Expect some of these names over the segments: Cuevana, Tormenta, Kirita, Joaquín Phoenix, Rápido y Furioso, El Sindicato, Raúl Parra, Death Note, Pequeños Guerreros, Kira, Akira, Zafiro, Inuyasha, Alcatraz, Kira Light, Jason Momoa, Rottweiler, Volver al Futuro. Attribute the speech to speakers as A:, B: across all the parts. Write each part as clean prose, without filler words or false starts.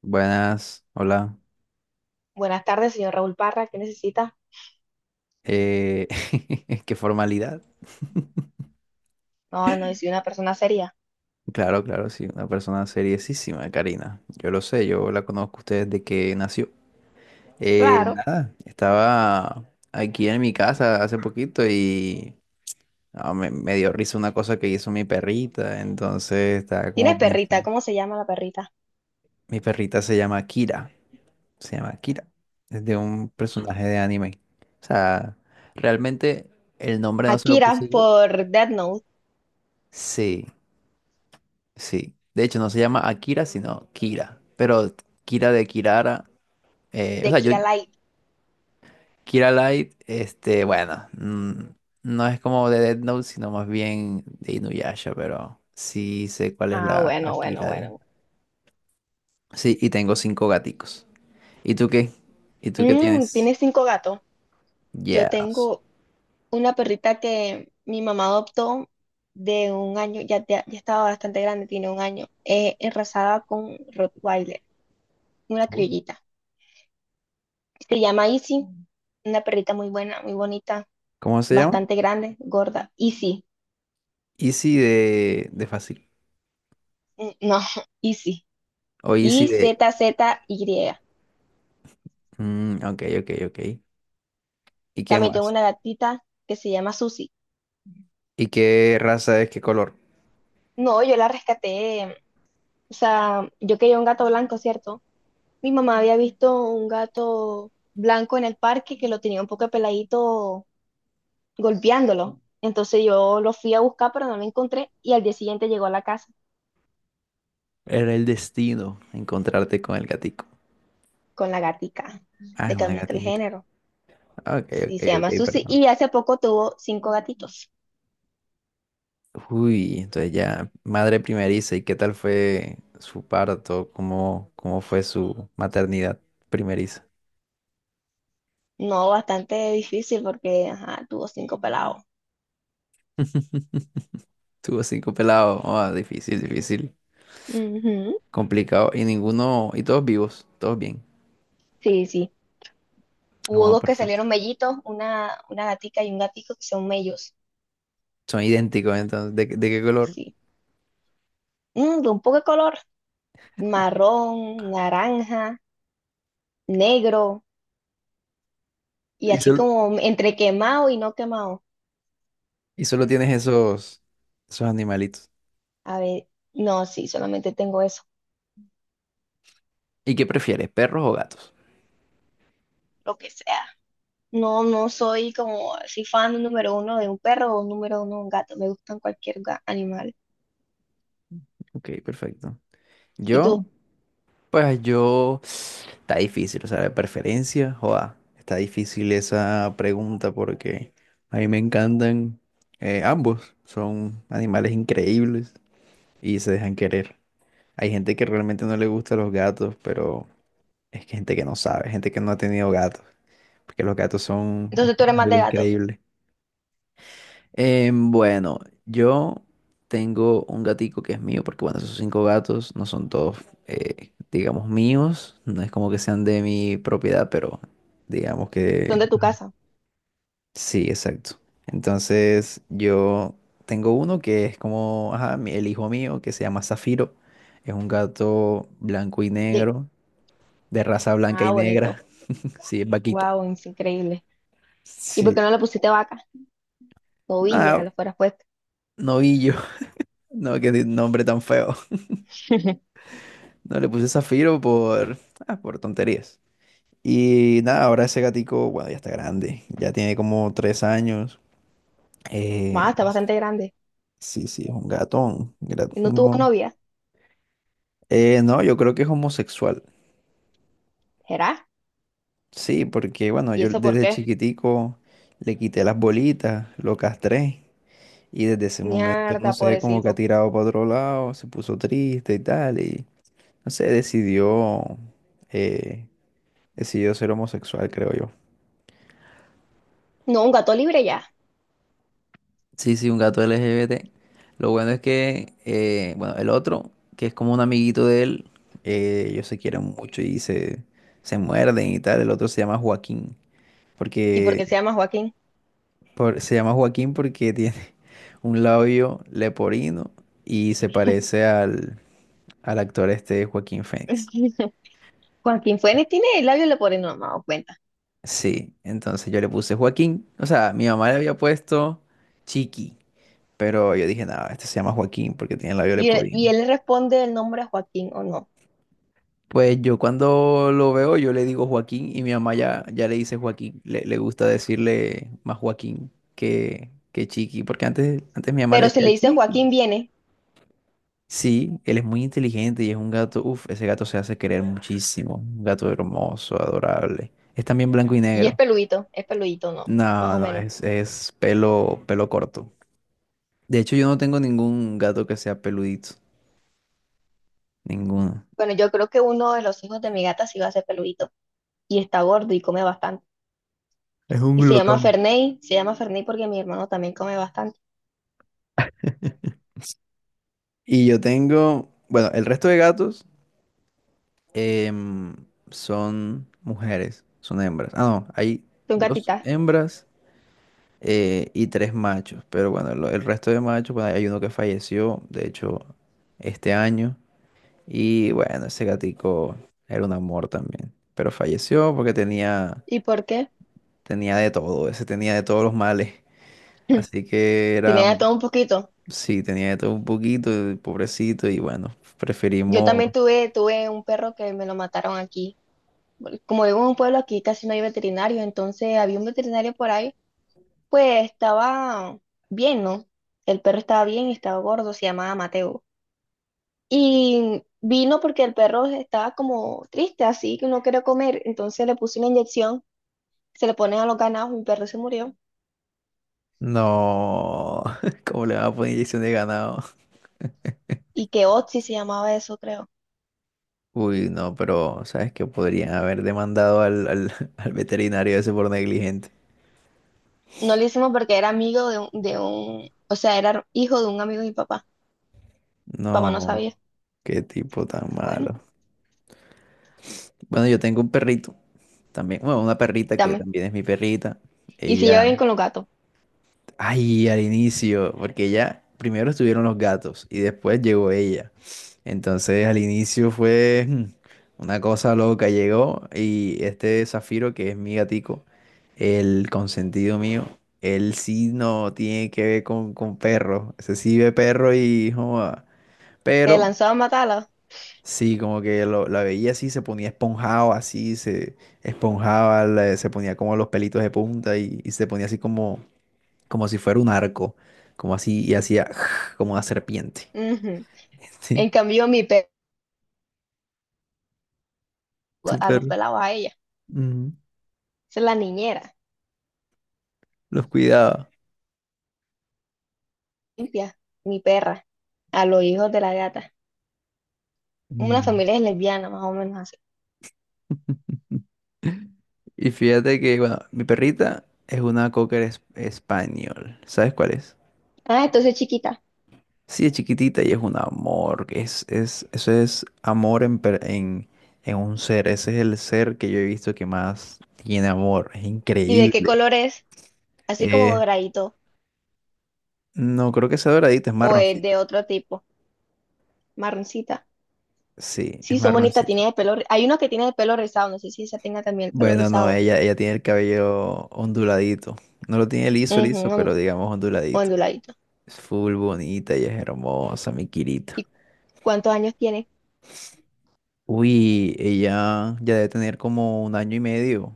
A: Buenas, hola.
B: Buenas tardes, señor Raúl Parra. ¿Qué necesita?
A: Eh, Qué formalidad.
B: No, no, soy una persona seria.
A: Claro, claro, sí, una persona seriosísima, Karina. Yo lo sé, yo la conozco a ustedes desde que nació. Eh,
B: Claro.
A: nada, estaba aquí en mi casa hace poquito y me dio risa una cosa que hizo mi perrita, entonces estaba
B: ¿Tiene
A: como
B: perrita?
A: pensando.
B: ¿Cómo se llama la perrita?
A: Mi perrita se llama Kira, es de un personaje de anime. O sea, realmente el nombre no se lo puse
B: Akira
A: yo.
B: por Death Note
A: Sí. Sí, de hecho no se llama Akira, sino Kira, pero Kira de Kirara, o
B: de
A: sea, yo,
B: Kira Light.
A: Kira Light, este, bueno, no es como de Death Note, sino más bien de Inuyasha, pero sí sé cuál es
B: Ah,
A: la
B: bueno, bueno,
A: Akira de…
B: bueno.
A: Sí, y tengo cinco gaticos. ¿Y tú qué? ¿Y tú qué
B: Bueno. Mm,
A: tienes?
B: tiene cinco gatos. Yo
A: Yes.
B: tengo una perrita que mi mamá adoptó de un año, ya, ya, ya estaba bastante grande, tiene un año, enrasada con Rottweiler, una
A: Uy.
B: criollita. Se llama Izzy, una perrita muy buena, muy bonita,
A: ¿Cómo se llama?
B: bastante grande, gorda. Izzy.
A: Easy de, fácil.
B: Mm, no, Easy.
A: O Easy
B: y
A: de…
B: z z y
A: Mm, ok, ok, ok. ¿Y qué
B: También tengo
A: más?
B: una gatita que se llama Susi.
A: ¿Y qué raza es? ¿Qué color?
B: No, yo la rescaté. O sea, yo quería un gato blanco, ¿cierto? Mi mamá había visto un gato blanco en el parque que lo tenía un poco peladito golpeándolo. Entonces yo lo fui a buscar, pero no lo encontré. Y al día siguiente llegó a la casa
A: Era el destino encontrarte con el gatico.
B: con la gatica.
A: Ah,
B: Le
A: es una
B: cambiaste el
A: gatita.
B: género.
A: Ok,
B: Sí,
A: ok,
B: se llama
A: ok,
B: Susi.
A: perdón.
B: Y hace poco tuvo cinco gatitos.
A: Uy, entonces ya, madre primeriza, ¿y qué tal fue su parto? ¿Cómo fue su maternidad primeriza?
B: No, bastante difícil porque ajá, tuvo cinco pelados.
A: Tuvo cinco pelados. Ah, difícil, difícil.
B: Ujú.
A: Complicado. Y ninguno, y todos vivos, todos bien.
B: Sí, sí. Hubo
A: Ah,
B: dos que
A: perfecto.
B: salieron mellitos, una gatica y un gatico que son mellos.
A: Son idénticos, entonces, de qué color?
B: Sí. De un poco de color, marrón, naranja, negro y
A: Y
B: así
A: solo,
B: como entre quemado y no quemado.
A: y solo tienes esos animalitos.
B: A ver, no, sí, solamente tengo eso,
A: ¿Y qué prefieres, perros o gatos?
B: lo que sea. No, no soy como así fan número uno de un perro o número uno de un gato. Me gustan cualquier animal.
A: Ok, perfecto.
B: ¿Y
A: Yo.
B: tú?
A: Pues yo, está difícil, o sea, de preferencia, joda, está difícil esa pregunta porque a mí me encantan ambos, son animales increíbles y se dejan querer. Hay gente que realmente no le gusta los gatos, pero es que gente que no sabe, gente que no ha tenido gatos, porque los gatos son
B: Entonces tú eres más
A: algo
B: de gato.
A: increíble. Bueno, yo tengo un gatico que es mío, porque bueno, esos cinco gatos no son todos, digamos, míos, no es como que sean de mi propiedad, pero digamos
B: Son
A: que
B: de tu casa.
A: sí, exacto. Entonces yo tengo uno que es como, ajá, el hijo mío, que se llama Zafiro, es un gato blanco y
B: Sí.
A: negro, de raza blanca
B: Ah,
A: y
B: bonito.
A: negra, sí, es vaquita.
B: Wow, es increíble. ¿Y por qué
A: Sí,
B: no le pusiste vaca? Novia,
A: nada,
B: lo fueras puesto.
A: novillo, no, qué nombre tan feo. No le puse Zafiro por tonterías. Y nada, ahora ese gatico, bueno, ya está grande. Ya tiene como 3 años.
B: Más,
A: Eh,
B: está bastante grande.
A: sí, sí, es un gatón. Gra-
B: ¿Y no tuvo
A: no.
B: novia?
A: No, yo creo que es homosexual.
B: ¿Será?
A: Sí, porque bueno,
B: ¿Y
A: yo
B: eso por
A: desde
B: qué?
A: chiquitico le quité las bolitas, lo castré. Y desde ese momento, no
B: Mierda,
A: sé, como que ha
B: pobrecito.
A: tirado para otro lado, se puso triste y tal. Y no sé, eh, decidió ser homosexual, creo yo.
B: No, un gato libre ya.
A: Sí, sí, un gato LGBT. Lo bueno es que, bueno, el otro, que es como un amiguito de él, ellos se quieren mucho y se muerden y tal. El otro se llama Joaquín,
B: ¿Y por qué se
A: porque
B: llama Joaquín?
A: se llama Joaquín porque tiene un labio leporino y se parece al actor este Joaquín Phoenix.
B: Joaquín Fuentes tiene el labio leporino, no me he dado cuenta.
A: Sí, entonces yo le puse Joaquín. O sea, mi mamá le había puesto Chiqui, pero yo dije, nada, este se llama Joaquín porque tiene labio
B: Y él, y
A: leporino.
B: él le responde el nombre a Joaquín o no.
A: Pues yo cuando lo veo, yo le digo Joaquín y mi mamá ya, ya le dice Joaquín. Le gusta decirle más Joaquín que Chiqui, porque antes, antes mi mamá le
B: Pero si
A: decía
B: le dice
A: Chiqui.
B: Joaquín viene
A: Sí, él es muy inteligente y es un gato, uff ese gato se hace querer muchísimo. Un gato hermoso, adorable. Es también blanco y
B: y es
A: negro.
B: peludito, es peludito, no, más
A: No,
B: o
A: no,
B: menos.
A: es pelo, pelo corto. De hecho, yo no tengo ningún gato que sea peludito. Ninguno.
B: Bueno, yo creo que uno de los hijos de mi gata sí va a ser peludito y está gordo y come bastante.
A: Es un
B: Y
A: glotón.
B: Se llama Ferney porque mi hermano también come bastante.
A: Y yo tengo, bueno, el resto de gatos. Em, Son mujeres, son hembras. Ah, no, hay
B: ¿Tú un
A: dos
B: gatita?
A: hembras y tres machos. Pero bueno, el resto de machos, bueno, hay uno que falleció, de hecho, este año. Y bueno, ese gatico era un amor también. Pero falleció porque tenía,
B: ¿Y por qué?
A: tenía de todo, ese tenía de todos los males. Así que era,
B: Tenía de todo un poquito.
A: sí, tenía de todo un poquito, el pobrecito. Y bueno,
B: Yo
A: preferimos…
B: también tuve un perro que me lo mataron aquí. Bueno, como vivo en un pueblo aquí, casi no hay veterinarios, entonces había un veterinario por ahí, pues estaba bien, ¿no? El perro estaba bien, y estaba gordo, se llamaba Mateo. Y vino porque el perro estaba como triste, así que no quería comer, entonces le puse una inyección, se le ponen a los ganados, mi perro se murió.
A: No, ¿cómo le van a poner inyección de ganado?
B: Y que Otzi se llamaba eso, creo.
A: Uy, no, pero ¿sabes que podrían haber demandado al veterinario ese por negligente.
B: No lo hicimos porque era amigo de un, o sea, era hijo de un amigo de mi papá. Mi papá no
A: No,
B: sabía.
A: qué tipo tan
B: Bueno,
A: malo. Bueno, yo tengo un perrito también, bueno, una perrita que
B: dame.
A: también es mi perrita.
B: Y si lleva
A: Ella
B: bien con los gatos,
A: Ay, al inicio, porque ya primero estuvieron los gatos y después llegó ella. Entonces al inicio fue una cosa loca, llegó y este Zafiro, que es mi gatico, el consentido mío, él sí no tiene que ver con perros, ese sí ve perro y joda,
B: te
A: pero
B: lanzaba a matarla.
A: sí, como que la veía así, se ponía esponjado así, se esponjaba, se ponía como los pelitos de punta y se ponía así como si fuera un arco, como así, y hacía como una serpiente.
B: Ujú. En
A: Sí,
B: cambio, mi perro, a los
A: súper.
B: pelados, a ella.
A: Ujú,
B: Esa es la niñera,
A: los cuidaba.
B: limpia, mi perra, a los hijos de la gata. Una
A: Mm.
B: familia es lesbiana, más o menos así.
A: Y fíjate que, bueno, mi perrita es una cocker español. ¿Sabes cuál es?
B: Ah, entonces chiquita.
A: Sí, es chiquitita y es un amor, que eso es amor en un ser. Ese es el ser que yo he visto que más tiene amor. Es
B: ¿Y de qué
A: increíble.
B: color es? Así como
A: Eh,
B: doradito
A: no, creo que sea doradito, es
B: o es
A: marroncito.
B: de otro tipo, marroncita.
A: Sí, es
B: Sí, son bonitas,
A: marroncito.
B: tiene el pelo. Hay una que tiene el pelo rizado, no sé si esa tenga también el pelo
A: Bueno, no,
B: rizado.
A: ella tiene el cabello onduladito. No lo tiene liso,
B: Ujú,
A: liso, pero digamos onduladito.
B: onduladito.
A: Es full bonita, ella es hermosa, mi Kirita.
B: ¿Y cuántos años tiene?
A: Uy, ella ya debe tener como 1 año y medio.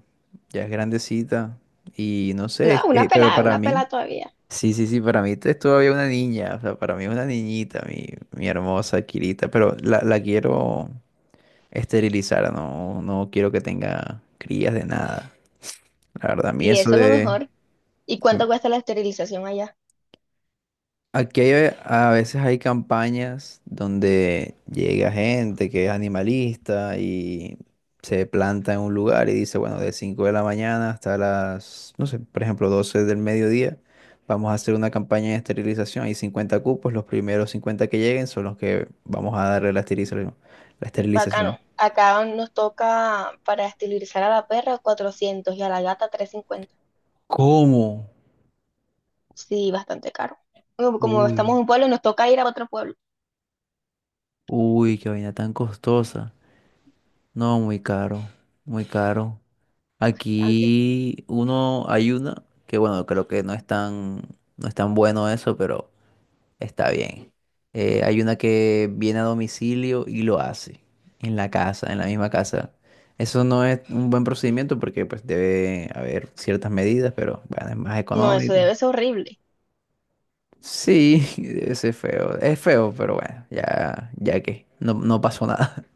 A: Ya es grandecita. Y no sé,
B: No,
A: pero para
B: una
A: mí,
B: pelada todavía.
A: sí, sí, sí, para mí es todavía una niña. O sea, para mí es una niñita, mi hermosa Kirita. Pero la quiero esterilizar, no, no quiero que tenga crías de nada. La verdad, a mí
B: Y
A: eso
B: eso es lo
A: de…
B: mejor. ¿Y cuánto cuesta la esterilización allá?
A: Aquí a veces hay campañas donde llega gente que es animalista y se planta en un lugar y dice, bueno, de 5 de la mañana hasta las, no sé, por ejemplo, 12 del mediodía, vamos a hacer una campaña de esterilización. Hay 50 cupos, los primeros 50 que lleguen son los que vamos a darle la esterilización. La
B: Bacano.
A: esterilización.
B: Acá nos toca para esterilizar a la perra 400 y a la gata 350.
A: ¿Cómo?
B: Sí, bastante caro. Como estamos
A: Uy,
B: en un pueblo, nos toca ir a otro pueblo.
A: uy, qué vaina tan costosa. No, muy caro, muy caro.
B: Antes.
A: Aquí uno, hay una que bueno, creo que no es tan bueno eso, pero está bien. Hay una que viene a domicilio y lo hace en la casa, en la misma casa. Eso no es un buen procedimiento porque pues debe haber ciertas medidas, pero bueno, es más
B: No, eso
A: económico.
B: debe ser horrible.
A: Sí, ese es feo. Es feo, pero bueno, ya, ya que no, no pasó nada.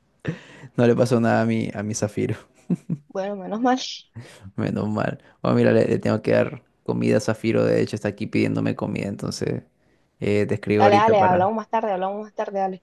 A: No le pasó nada a mi Zafiro.
B: Bueno, menos mal.
A: Menos mal. Bueno, mira, le tengo que dar comida a Zafiro. De hecho, está aquí pidiéndome comida. Entonces, te escribo
B: Dale,
A: ahorita
B: dale,
A: para…
B: hablamos más tarde, dale.